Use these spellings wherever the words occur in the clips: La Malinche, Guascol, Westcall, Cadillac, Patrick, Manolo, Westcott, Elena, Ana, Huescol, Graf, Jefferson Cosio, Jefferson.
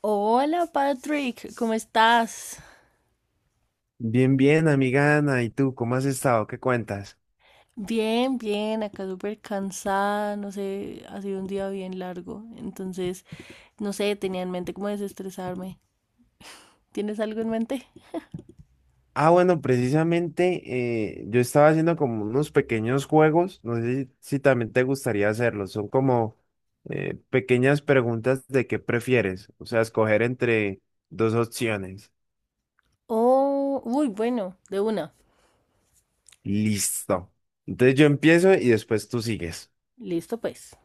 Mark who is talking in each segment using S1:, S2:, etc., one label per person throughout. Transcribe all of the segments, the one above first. S1: Hola Patrick, ¿cómo estás?
S2: Bien, bien, amiga Ana. ¿Y tú cómo has estado? ¿Qué cuentas?
S1: Bien, bien, acá súper cansada, no sé, ha sido un día bien largo, entonces, no sé, tenía en mente cómo desestresarme. ¿Tienes algo en mente?
S2: Ah, bueno, precisamente yo estaba haciendo como unos pequeños juegos. No sé si también te gustaría hacerlos. Son como pequeñas preguntas de qué prefieres. O sea, escoger entre dos opciones.
S1: Oh, uy, bueno, de una.
S2: Listo. Entonces yo empiezo y después tú sigues.
S1: Listo, pues.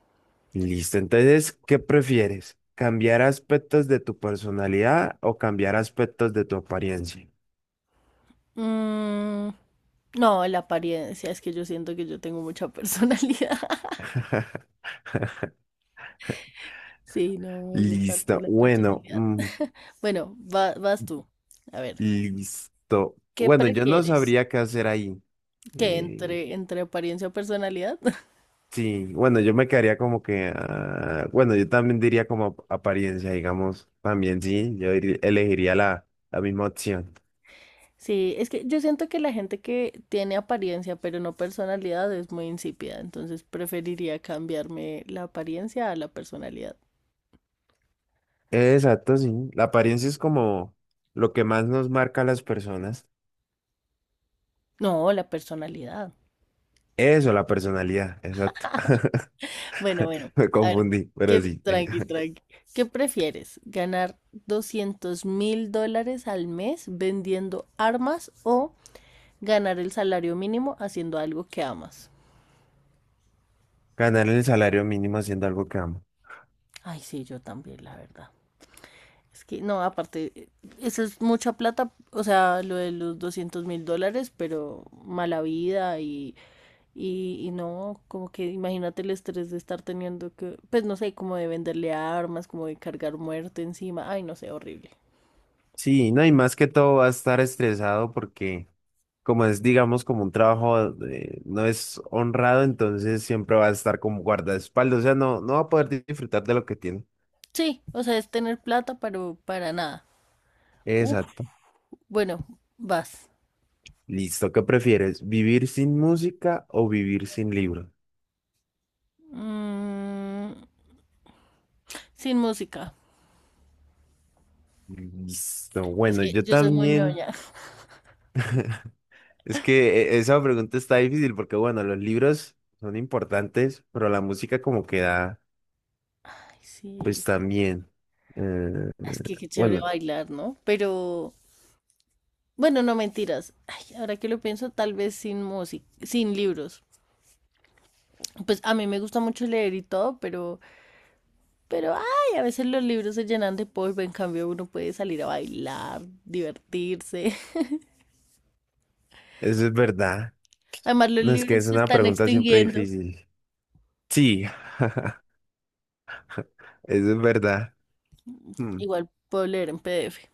S2: Listo. Entonces, ¿qué prefieres? ¿Cambiar aspectos de tu personalidad o cambiar aspectos de tu apariencia?
S1: Mm, no, la apariencia, es que yo siento que yo tengo mucha personalidad. Sí, no me gusta tanto
S2: Listo.
S1: la
S2: Bueno,
S1: personalidad. Bueno, vas tú. A ver,
S2: listo.
S1: ¿qué
S2: Bueno, yo no
S1: prefieres?
S2: sabría qué hacer ahí.
S1: ¿Qué
S2: Eh,
S1: entre apariencia o personalidad?
S2: sí, bueno, yo me quedaría como que, ah, bueno, yo también diría como apariencia, digamos, también sí, elegiría la, la misma opción.
S1: Sí, es que yo siento que la gente que tiene apariencia pero no personalidad es muy insípida, entonces preferiría cambiarme la apariencia a la personalidad.
S2: Exacto, sí. La apariencia es como lo que más nos marca a las personas.
S1: No, la personalidad.
S2: Eso, la personalidad, exacto.
S1: Bueno, bueno,
S2: Me
S1: a ver.
S2: confundí, pero sí.
S1: Tranqui, tranqui. ¿Qué prefieres? ¿Ganar $200,000 al mes vendiendo armas o ganar el salario mínimo haciendo algo que amas?
S2: Ganar el salario mínimo haciendo algo que amo.
S1: Ay, sí, yo también, la verdad. Es que no, aparte, eso es mucha plata, o sea, lo de los $200,000, pero mala vida y no, como que imagínate el estrés de estar teniendo que, pues no sé, como de venderle armas, como de cargar muerte encima, ay, no sé, horrible.
S2: Sí, no, y más que todo va a estar estresado porque, como es, digamos, como un trabajo, no es honrado, entonces siempre va a estar como guardaespaldas, o sea, no va a poder disfrutar de lo que tiene.
S1: Sí, o sea, es tener plata, pero para nada. Uf,
S2: Exacto.
S1: bueno, vas.
S2: Listo, ¿qué prefieres? ¿Vivir sin música o vivir sin libro?
S1: Mm, Sin música.
S2: Listo,
S1: Es
S2: bueno,
S1: que
S2: yo
S1: yo soy muy
S2: también,
S1: ñoña.
S2: es que esa pregunta está difícil porque, bueno, los libros son importantes, pero la música como que da,
S1: Ay,
S2: pues
S1: sí.
S2: también. Eh,
S1: Es que qué chévere
S2: bueno,
S1: bailar, ¿no? Bueno, no mentiras. Ay, ahora que lo pienso, tal vez sin música, sin libros. Pues a mí me gusta mucho leer y todo, pero ay, a veces los libros se llenan de polvo, en cambio uno puede salir a bailar, divertirse.
S2: eso es verdad.
S1: Además, los
S2: No, es que
S1: libros
S2: es
S1: se
S2: una
S1: están
S2: pregunta siempre
S1: extinguiendo.
S2: difícil. Sí. Eso es verdad. Mm.
S1: Igual puedo leer en PDF.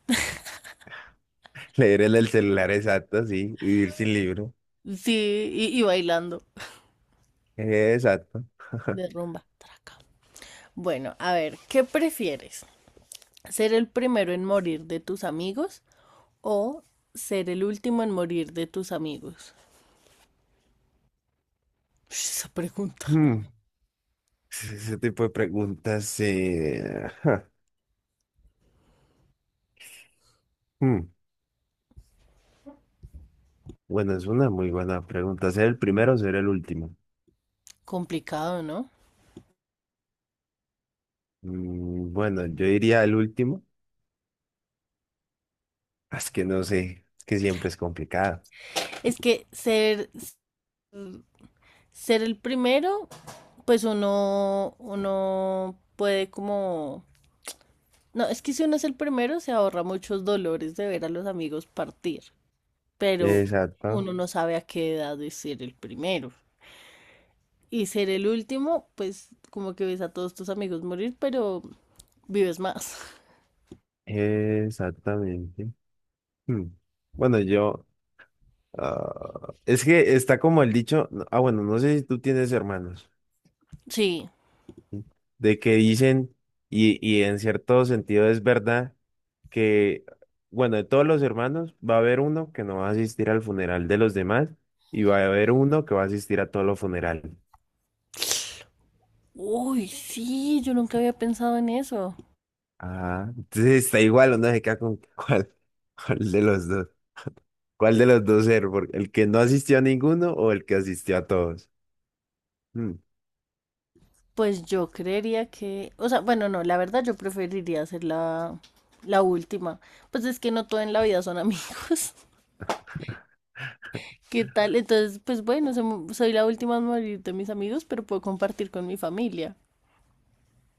S2: Leer en el celular, exacto, sí. Vivir sin libro.
S1: Sí, y bailando
S2: Exacto.
S1: de rumba. Traca. Bueno, a ver, ¿qué prefieres? ¿Ser el primero en morir de tus amigos o ser el último en morir de tus amigos? Ush, esa pregunta.
S2: Mm. Ese tipo de preguntas. Ja, mm. Bueno, es una muy buena pregunta. ¿Ser el primero o ser el último?
S1: Complicado, ¿no?
S2: Bueno, yo diría el último. Ah, es que no sé. Es que siempre es complicado.
S1: Es que ser el primero, pues uno puede como... No, es que si uno es el primero se ahorra muchos dolores de ver a los amigos partir, pero
S2: Exacto.
S1: uno no sabe a qué edad es ser el primero. Y ser el último, pues como que ves a todos tus amigos morir, pero vives más.
S2: Exactamente. Mm. Bueno, yo, ah, es que está como el dicho. Ah, bueno, no sé si tú tienes hermanos,
S1: Sí.
S2: de que dicen, y en cierto sentido es verdad, que, bueno, de todos los hermanos va a haber uno que no va a asistir al funeral de los demás y va a haber uno que va a asistir a todos los funerales.
S1: Uy, sí, yo nunca había pensado en eso.
S2: Ah, entonces está igual, uno se queda con cuál de los dos, cuál de los dos ser, porque el que no asistió a ninguno o el que asistió a todos. Mm,
S1: Pues yo creería que, o sea, bueno, no, la verdad yo preferiría hacer la última. Pues es que no todo en la vida son amigos. ¿Qué tal? Entonces, pues bueno, soy la última en morir de mis amigos, pero puedo compartir con mi familia.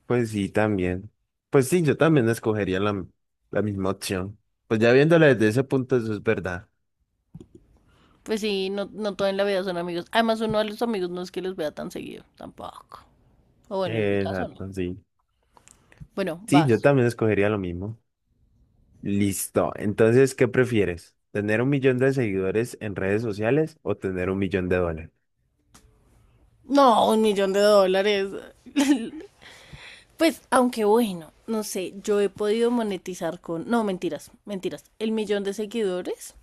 S2: pues sí, también. Pues sí, yo también escogería la, la misma opción. Pues ya viéndolo desde ese punto, eso es verdad.
S1: Pues sí, no, no todo en la vida son amigos. Además, uno a los amigos no es que los vea tan seguido, tampoco. O bueno, en mi caso no.
S2: Exacto, sí.
S1: Bueno,
S2: Sí, yo
S1: vas.
S2: también escogería lo mismo. Listo. Entonces, ¿qué prefieres? ¿Tener un millón de seguidores en redes sociales o tener un millón de dólares?
S1: No, $1,000,000. Pues, aunque bueno, no sé, yo he podido monetizar con, no, mentiras, mentiras, el millón de seguidores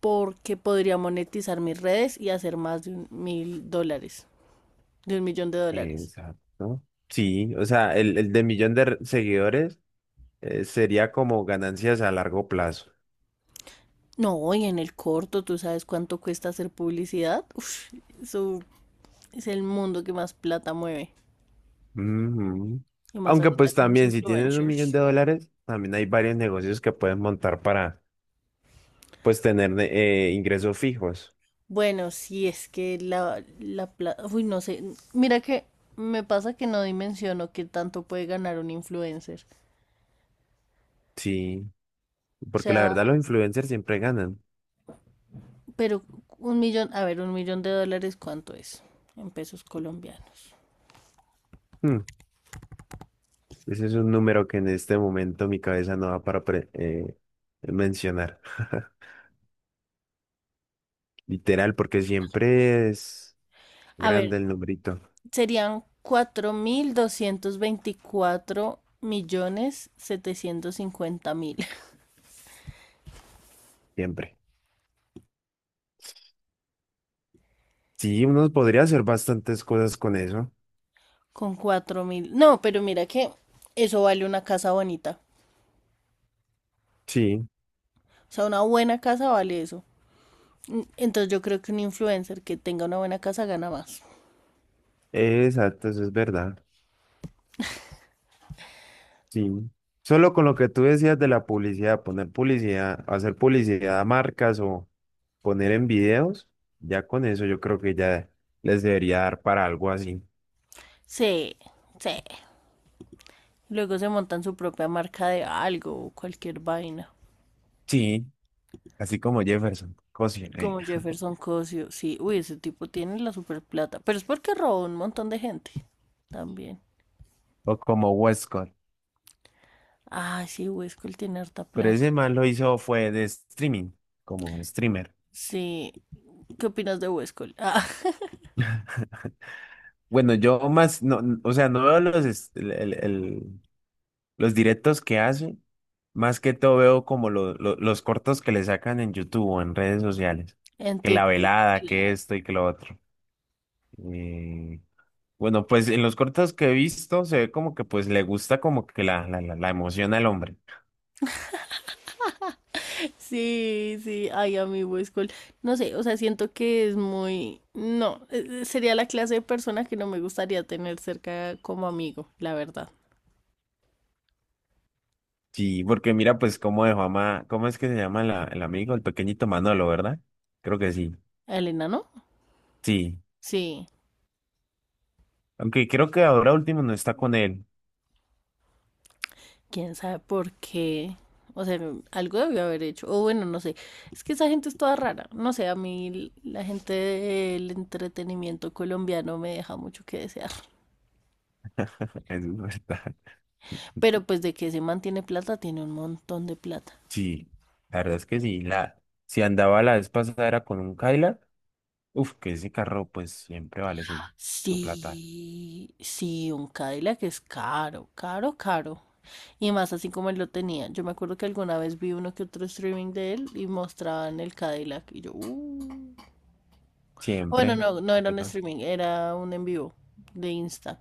S1: porque podría monetizar mis redes y hacer más de $1,000, de $1,000,000.
S2: Exacto. Sí, o sea, el de millón de seguidores sería como ganancias a largo plazo.
S1: No, y en el corto, ¿tú sabes cuánto cuesta hacer publicidad? Uf, eso es el mundo que más plata mueve.
S2: Ujú.
S1: Y más
S2: Aunque
S1: ahorita
S2: pues
S1: con los
S2: también si tienes un millón de
S1: influencers.
S2: dólares, también hay varios negocios que puedes montar para pues tener ingresos fijos.
S1: Bueno, si es que la plata... Uy, no sé. Mira que me pasa que no dimensiono qué tanto puede ganar un influencer.
S2: Sí,
S1: O
S2: porque la
S1: sea,
S2: verdad los influencers siempre ganan.
S1: pero un millón, a ver, $1,000,000, ¿cuánto es en pesos colombianos?
S2: Hmm. Ese es un número que en este momento mi cabeza no va para mencionar. Literal, porque siempre es
S1: A ver,
S2: grande el numerito,
S1: serían 4,224,750,000
S2: siempre. Sí, uno podría hacer bastantes cosas con eso.
S1: con 4,000. No, pero mira que eso vale una casa bonita.
S2: Sí,
S1: O sea, una buena casa vale eso. Entonces yo creo que un influencer que tenga una buena casa gana más.
S2: exacto, eso es verdad. Sí. Solo con lo que tú decías de la publicidad, poner publicidad, hacer publicidad a marcas o poner en videos, ya con eso yo creo que ya les debería dar para algo así.
S1: Sí, sí. Luego se montan su propia marca de algo o cualquier vaina.
S2: Sí, así como Jefferson, cocina,
S1: Como Jefferson Cosio, sí, uy, ese tipo tiene la super plata, pero es porque robó un montón de gente también.
S2: o como Westcott.
S1: Ah, sí, Huescol tiene harta
S2: Pero
S1: plata.
S2: ese man lo hizo fue de streaming, como streamer.
S1: Sí, ¿qué opinas de Huescol? Ah,
S2: Bueno, yo más, no, o sea, no veo los, los directos que hace, más que todo veo como los cortos que le sacan en YouTube o en redes sociales.
S1: en
S2: Que la
S1: TikTok.
S2: velada, que
S1: Claro.
S2: esto y que lo otro. Eh, bueno, pues en los cortos que he visto se ve como que pues le gusta como que la emoción al hombre.
S1: Sí, sí, ay, a mí Huescol. No sé, o sea, siento que es muy... No, sería la clase de persona que no me gustaría tener cerca como amigo, la verdad.
S2: Sí, porque mira pues cómo dejó a ¿cómo es que se llama el amigo, el pequeñito Manolo, ¿verdad? Creo que sí.
S1: ¿A Elena, no?
S2: Sí,
S1: Sí.
S2: aunque creo que ahora último no está con él.
S1: Quién sabe por qué. O sea, algo debió haber hecho. O bueno, no sé. Es que esa gente es toda rara. No sé, a mí la gente del entretenimiento colombiano me deja mucho que desear.
S2: Eso es verdad.
S1: Pero pues de que se mantiene plata, tiene un montón de plata.
S2: Sí, la verdad es que sí. La, si andaba la vez pasada era con un Cadillac, uf, que ese carro pues siempre vale su, su plata.
S1: Sí, sí, un Cadillac es caro, caro, caro. Y más así como él lo tenía. Yo me acuerdo que alguna vez vi uno que otro streaming de él y mostraban el Cadillac. Y yo. Bueno,
S2: Siempre,
S1: no, no era un
S2: ¿verdad?
S1: streaming, era un en vivo de Insta.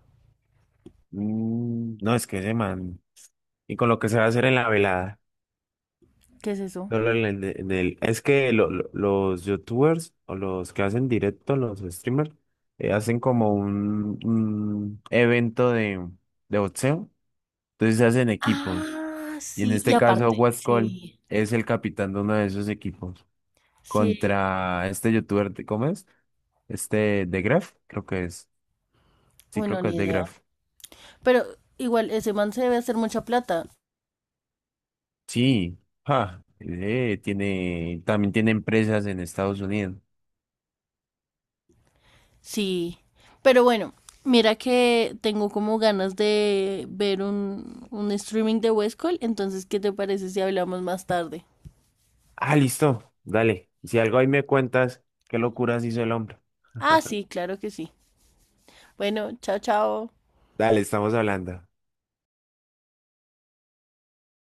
S2: Mm, no, es que ese man. Y con lo que se va a hacer en la velada.
S1: ¿Qué es eso?
S2: Solo es que los youtubers o los que hacen directo, los streamers, hacen como un evento de boxeo. Entonces se hacen equipos.
S1: Ah,
S2: Y en
S1: sí, y
S2: este caso,
S1: aparte,
S2: Guascol
S1: sí,
S2: es el capitán de uno de esos equipos
S1: sí,
S2: contra este youtuber, ¿cómo es? Este de Graf, creo que es. Sí, creo
S1: bueno,
S2: que
S1: ni
S2: es de
S1: idea.
S2: Graf.
S1: Pero igual, ese man se debe hacer mucha plata.
S2: Sí, ja, tiene, también tiene empresas en Estados Unidos.
S1: Sí. Pero bueno, mira que tengo como ganas de ver un streaming de Westcall. Entonces, ¿qué te parece si hablamos más tarde?
S2: Ah, listo, dale. Si algo ahí me cuentas, qué locuras hizo el hombre.
S1: Ah, sí, claro que sí. Bueno, chao, chao.
S2: Dale, estamos hablando.